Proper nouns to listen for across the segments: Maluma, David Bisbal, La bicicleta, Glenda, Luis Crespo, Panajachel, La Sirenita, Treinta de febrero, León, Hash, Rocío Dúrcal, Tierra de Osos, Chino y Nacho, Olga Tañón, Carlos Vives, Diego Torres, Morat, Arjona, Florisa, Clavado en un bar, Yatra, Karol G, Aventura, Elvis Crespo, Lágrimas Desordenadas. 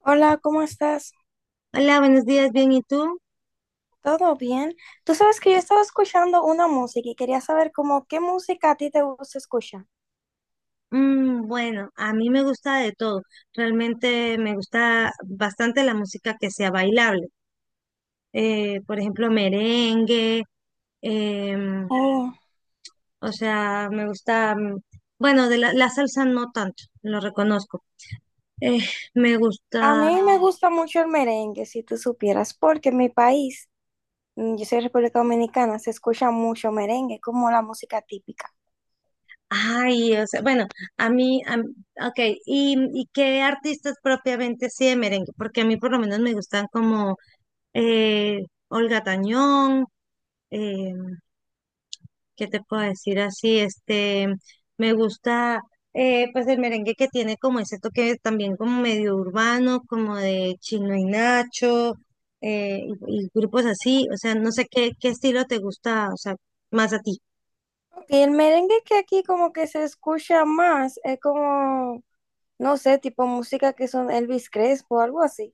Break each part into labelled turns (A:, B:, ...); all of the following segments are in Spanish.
A: Hola, ¿cómo estás?
B: Hola, buenos días, bien, ¿y tú?
A: ¿Todo bien? Tú sabes que yo estaba escuchando una música y quería saber como qué música a ti te gusta escuchar.
B: Bueno, a mí me gusta de todo. Realmente me gusta bastante la música que sea bailable. Por ejemplo, merengue. em,
A: Oh,
B: o sea, me gusta, bueno, de la salsa no tanto, lo reconozco. Eh, Me
A: a
B: gusta,
A: mí me gusta mucho el merengue, si tú supieras, porque en mi país, yo soy de República Dominicana, se escucha mucho merengue, como la música típica.
B: ay, o sea, bueno, a mí, a, mí- ok, ¿y qué artistas propiamente sí de merengue? Porque a mí por lo menos me gustan como eh, Olga Tañón, eh, ¿qué te puedo decir así? Este, me gusta, pues el merengue que tiene como ese toque también como medio urbano, como de Chino y Nacho. eh, y grupos así, o sea, no sé qué estilo te gusta, o sea, más a ti.
A: Y el merengue que aquí como que se escucha más, es como, no sé, tipo música que son Elvis Crespo algo así.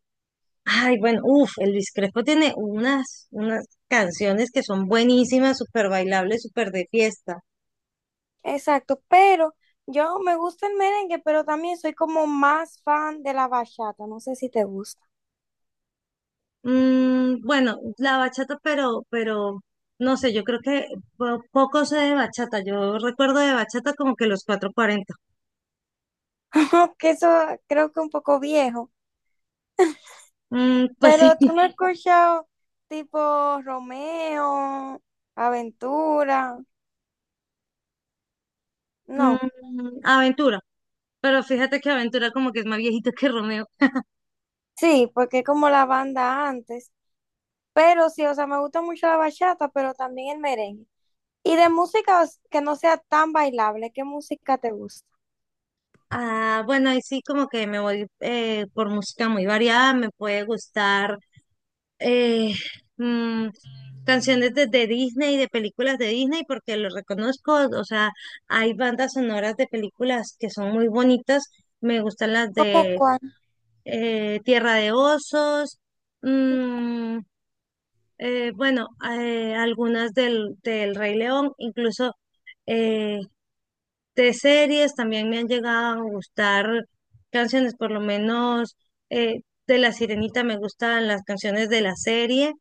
B: Ay, bueno, uff, el Luis Crespo tiene unas canciones que son buenísimas, súper bailables, súper de fiesta.
A: Exacto, pero yo me gusta el merengue, pero también soy como más fan de la bachata, no sé si te gusta.
B: Bueno, la bachata, pero no sé, yo creo que poco sé de bachata. Yo recuerdo de bachata como que los 440.
A: Que eso creo que un poco viejo,
B: Mm, pues sí.
A: pero tú no has escuchado tipo Romeo, Aventura,
B: Mm,
A: no.
B: Aventura. Pero fíjate que Aventura como que es más viejito que Romeo.
A: Sí, porque es como la banda antes, pero sí, o sea, me gusta mucho la bachata, pero también el merengue. Y de música os- que no sea tan bailable, ¿qué música te gusta?
B: Ah, bueno, ahí sí como que me voy por música muy variada. Me puede gustar, eh, mm, canciones de Disney, de películas de Disney, porque lo reconozco. O sea, hay bandas sonoras de películas que son muy bonitas. Me gustan las
A: ¿Cómo
B: de
A: cuál?
B: Tierra de Osos, mm, bueno, algunas del Rey León, incluso. eh, de series también me han llegado a gustar canciones, por lo menos de La Sirenita. Me gustan las canciones de la serie,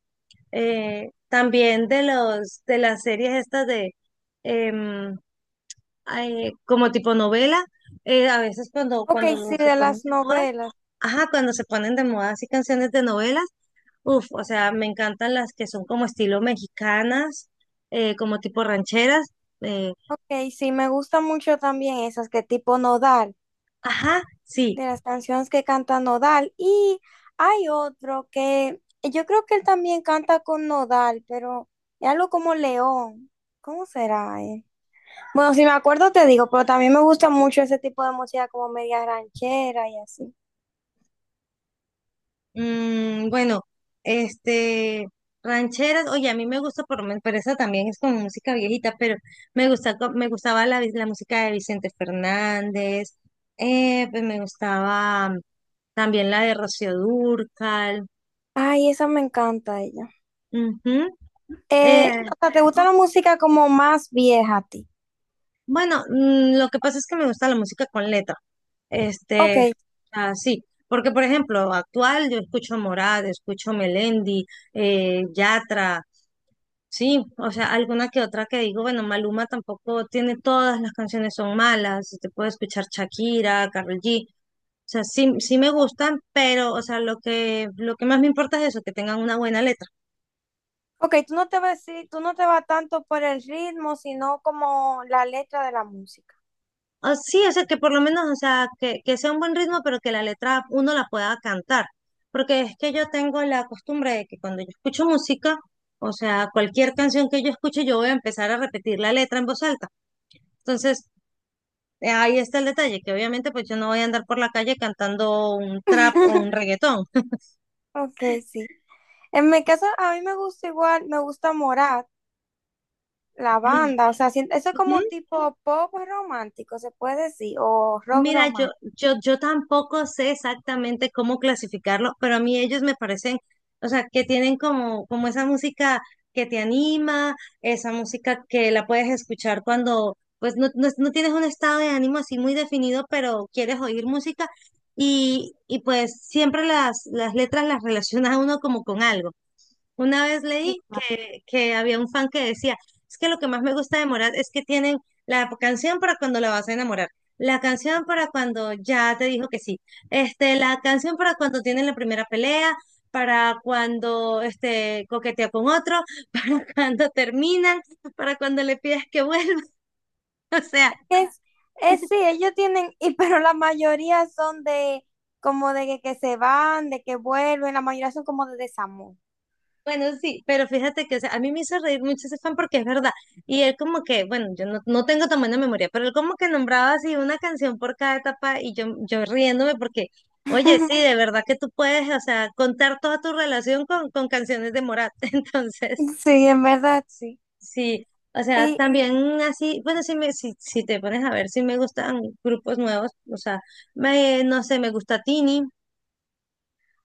B: también de los de las series estas de em, ay, como tipo novela, a veces cuando
A: Ok, sí,
B: se
A: de
B: ponen
A: las
B: de moda.
A: novelas.
B: Ajá, cuando se ponen de moda así canciones de novelas, uff, o sea, me encantan las que son como estilo mexicanas, como tipo rancheras. eh,
A: Ok, sí, me gusta mucho también esas que tipo Nodal,
B: ajá, sí.
A: de las canciones que canta Nodal. Y hay otro que yo creo que él también canta con Nodal, pero es algo como León. ¿Cómo será él? Bueno, si me acuerdo te digo, pero también me gusta mucho ese tipo de música como media ranchera y así.
B: Bueno, este, rancheras, oye, a mí me gusta, pero esa también es como música viejita, pero me gusta, me gustaba la música de Vicente Fernández. Pues me gustaba, también la de Rocío Dúrcal.
A: Ay, esa me encanta ella.
B: Ujú. eh,
A: O sea, ¿te
B: ajá.
A: gusta la música como más vieja a ti?
B: Bueno, lo que pasa es que me gusta la música con letra,
A: Ok,
B: este, así. Porque por ejemplo, actual yo escucho Morat, escucho Melendi, Yatra. Sí, o sea, alguna que otra que digo, bueno, Maluma tampoco tiene todas las canciones son malas, te puedo escuchar Shakira, Karol G, o sea, sí, sí me gustan, pero, o sea, lo que más me importa es eso, que tengan una buena letra.
A: ok, tú no te vas, sí, tú no te vas tanto por el ritmo, sino como la letra de la música.
B: Ah, sí, o sea, que por lo menos, o sea, que sea un buen ritmo, pero que la letra uno la pueda cantar. Porque es que yo tengo la costumbre de que cuando yo escucho música, o sea, cualquier canción que yo escuche, yo voy a empezar a repetir la letra en voz alta. Entonces, ahí está el detalle, que obviamente pues yo no voy a andar por la calle cantando un trap o un reggaetón.
A: Ok, sí. En mi caso, a mí me gusta igual, me gusta Morat, la
B: Ay.
A: banda, o sea, si- eso es como
B: Ujú.
A: tipo pop romántico, se puede decir, o rock
B: Mira, yo,
A: romántico.
B: yo, yo tampoco sé exactamente cómo clasificarlo, pero a mí ellos me parecen, o sea, que tienen como, como esa música que te anima, esa música que la puedes escuchar cuando, pues, no tienes un estado de ánimo así muy definido, pero quieres oír música y pues siempre las letras las relaciona a uno como con algo. Una vez leí que había un fan que decía, es que lo que más me gusta de Morat es que tienen la canción para cuando la vas a enamorar, la canción para cuando ya te dijo que sí, este, la canción para cuando tienen la primera pelea, para cuando este, coquetea con otro, para cuando terminan, para cuando le pides que vuelva. O sea,
A: Es, es sí, ellos tienen, y pero la mayoría son de como de que se van, de que vuelven, la mayoría son como de desamor.
B: bueno, sí, pero fíjate que o sea, a mí me hizo reír mucho ese fan porque es verdad. Y él como que, bueno, yo no tengo tan buena memoria, pero él como que nombraba así una canción por cada etapa y yo riéndome porque, oye, sí, de verdad que tú puedes, o sea, contar toda tu relación con canciones de Morat. Entonces,
A: Sí, en verdad, sí.
B: sí, o sea,
A: Y,
B: también así, bueno, si, me, si, si te pones a ver, si me gustan grupos nuevos, o sea, me, no sé, me gusta Tini.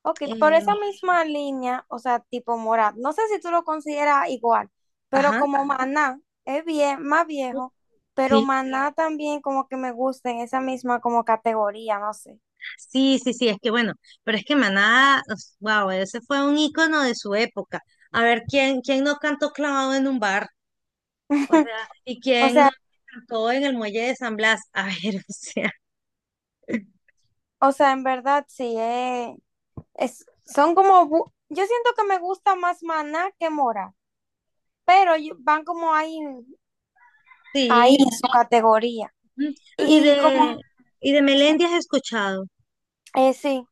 A: Ok, por
B: eh,
A: esa misma línea, o sea, tipo Morat, no sé si tú lo consideras igual, pero
B: ajá.
A: como Maná es bien, más viejo, pero
B: Sí.
A: Maná también como que me gusta en esa misma como categoría, no sé.
B: Sí, sí, sí, es que bueno, pero es que Maná, wow, ese fue un ícono de su época. A ver, ¿quién no cantó clavado en un bar? O sea, ¿y
A: O
B: quién no
A: sea,
B: cantó en el muelle de San Blas? A ver, o sea,
A: o sea, en verdad sí, es, son como, bu- yo siento que me gusta más Maná que Morat, pero yo- van como ahí, ahí
B: sí.
A: en su categoría.
B: Ujú. Y
A: Y
B: de,
A: como,
B: y de Melendi has escuchado.
A: sí.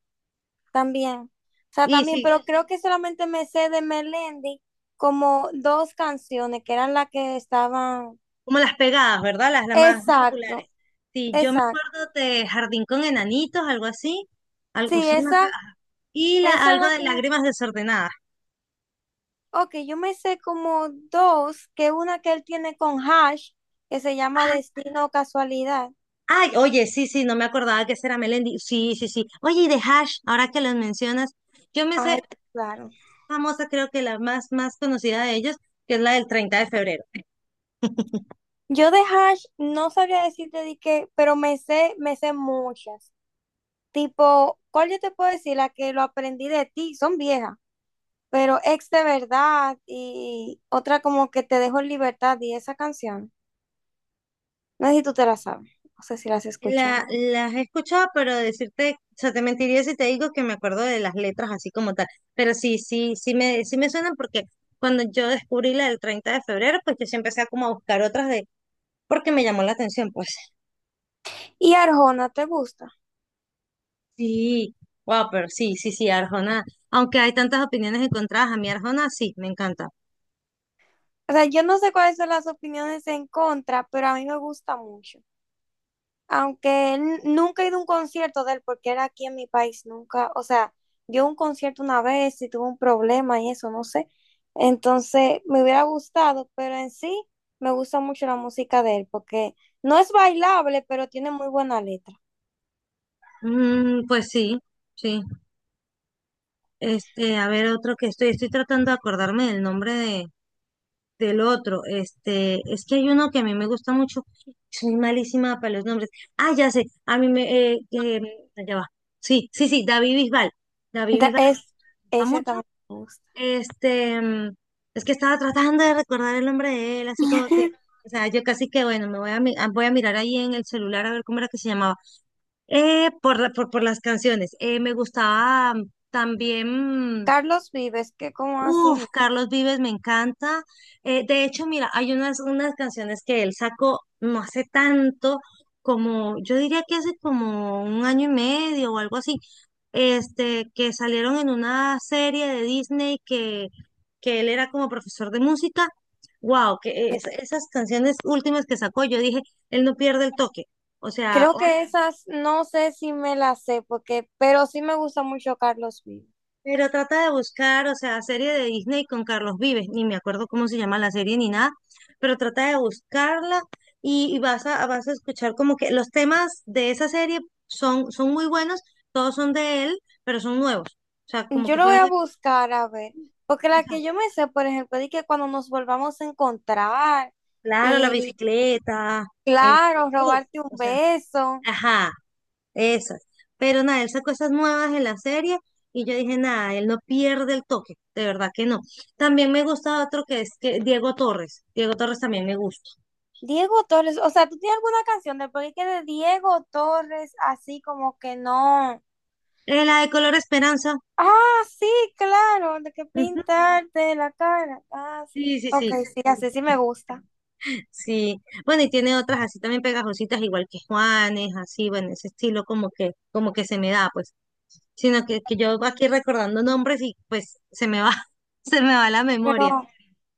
A: También. O sea,
B: Y
A: también,
B: sí,
A: pero creo que solamente me sé de Melendi como dos canciones que eran las que estaban.
B: como las pegadas, ¿verdad? Las más
A: Exacto,
B: populares. Sí, yo me
A: exacto.
B: acuerdo de Jardín con Enanitos, algo así. Algo,
A: Sí,
B: son las-
A: esa,
B: ah, y la,
A: esa es
B: algo
A: la
B: de
A: que me-
B: Lágrimas Desordenadas.
A: Ok, yo me sé como dos, que una que él tiene con Hash, que se llama Destino o Casualidad.
B: Ay, oye, sí, sí, no me acordaba que ese era Melendi. Sí, sí, sí. Oye, y de Hash, ahora que los mencionas, yo me
A: Ay,
B: sé
A: claro.
B: famosa, creo que más conocida de ellos, que es la del 30 de febrero.
A: Yo de Hash no sabría decirte de qué, pero me sé muchas. Tipo, ¿cuál yo te puedo decir? La que lo aprendí de ti, son viejas. Pero ex de verdad y otra como que te dejo en libertad y esa canción, no sé si tú te la sabes, no sé si la has escuchado.
B: Las he escuchado, pero decirte, o sea, te mentiría si te digo que me acuerdo de las letras así como tal. Pero sí, sí me suenan porque cuando yo descubrí la del 30 de febrero, pues yo sí empecé a como a buscar otras de, porque me llamó la atención, pues.
A: Y Arjona, ¿te gusta?
B: Sí, wow, pero sí, sí, sí, Arjona. Aunque hay tantas opiniones encontradas, a mí Arjona sí, me encanta.
A: O sea, yo no sé cuáles son las opiniones en contra, pero a mí me gusta mucho. Aunque n- nunca he ido a un concierto de él porque era aquí en mi país, nunca, o sea, yo un concierto una vez y tuve un problema y eso, no sé. Entonces, me hubiera gustado, pero en sí me gusta mucho la música de él porque no es bailable, pero tiene muy buena letra.
B: Mm, pues sí, sí. Este, a ver, otro que estoy tratando de acordarme del nombre de, del otro. Este, es que hay uno que a mí me gusta mucho. Soy malísima para los nombres. Ah, ya sé, a mí me, allá va. Sí, sí, sí, David Bisbal. David
A: Da-
B: Bisbal
A: es,
B: me gusta
A: ese
B: mucho.
A: también me gusta.
B: Este, es que estaba tratando de recordar el nombre de él, así como que, o sea, yo casi que, bueno, me voy a, mi- ah, voy a mirar ahí en el celular a ver cómo era que se llamaba. Por las canciones. Me gustaba, también,
A: Carlos Vives, que como así,
B: uff, Carlos Vives me encanta. De hecho, mira, hay unas canciones que él sacó no hace tanto, como yo diría que hace como un año y medio o algo así, este, que salieron en una serie de Disney que él era como profesor de música. Wow, esas canciones últimas que sacó, yo dije, él no pierde el toque. O sea,
A: creo que esas no sé si me las sé, porque, pero sí me gusta mucho Carlos Vives.
B: pero trata de buscar, o sea, serie de Disney con Carlos Vives, ni me acuerdo cómo se llama la serie ni nada, pero trata de buscarla y vas a, vas a escuchar como que los temas de esa serie son muy buenos, todos son de él, pero son nuevos. O sea, como
A: Yo
B: que
A: lo voy
B: fueron,
A: a
B: de-
A: buscar a ver, porque
B: o
A: la
B: sea,
A: que yo me sé, por ejemplo, es que cuando nos volvamos a encontrar
B: claro, la
A: y
B: bicicleta, este,
A: claro,
B: uf,
A: robarte un
B: o sea,
A: beso.
B: ajá, esas. Pero nada, él sacó esas nuevas en la serie y yo dije, nada, él no pierde el toque, de verdad que no. También me gusta otro que es que Diego Torres. Diego Torres también me gusta.
A: Diego Torres, o sea, ¿tú tienes alguna canción del porque que de Diego Torres así como que no?
B: La de Color Esperanza.
A: Ah, sí, claro, de que
B: Ujú.
A: pintarte la cara. Ah, sí.
B: Sí, sí,
A: Ok,
B: sí,
A: sí, así sí me gusta.
B: sí. Bueno, y tiene otras así también pegajositas, igual que Juanes, así, bueno, ese estilo como que se me da, pues. Sino que yo aquí recordando nombres y pues se me va, se me va la memoria.
A: Pero,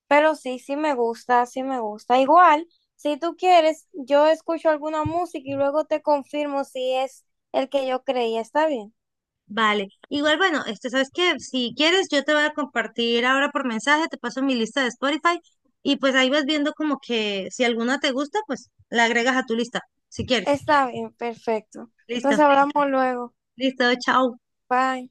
A: pero sí, sí me gusta, sí me gusta. Igual, si tú quieres, yo escucho alguna música y luego te confirmo si es el que yo creía. ¿Está bien?
B: Vale. Igual, bueno, este, ¿sabes qué? Si quieres, yo te voy a compartir ahora por mensaje, te paso mi lista de Spotify y pues ahí vas viendo como que si alguna te gusta, pues la agregas a tu lista, si quieres.
A: Está bien, perfecto.
B: Listo,
A: Entonces hablamos luego.
B: listo, chao.
A: Bye.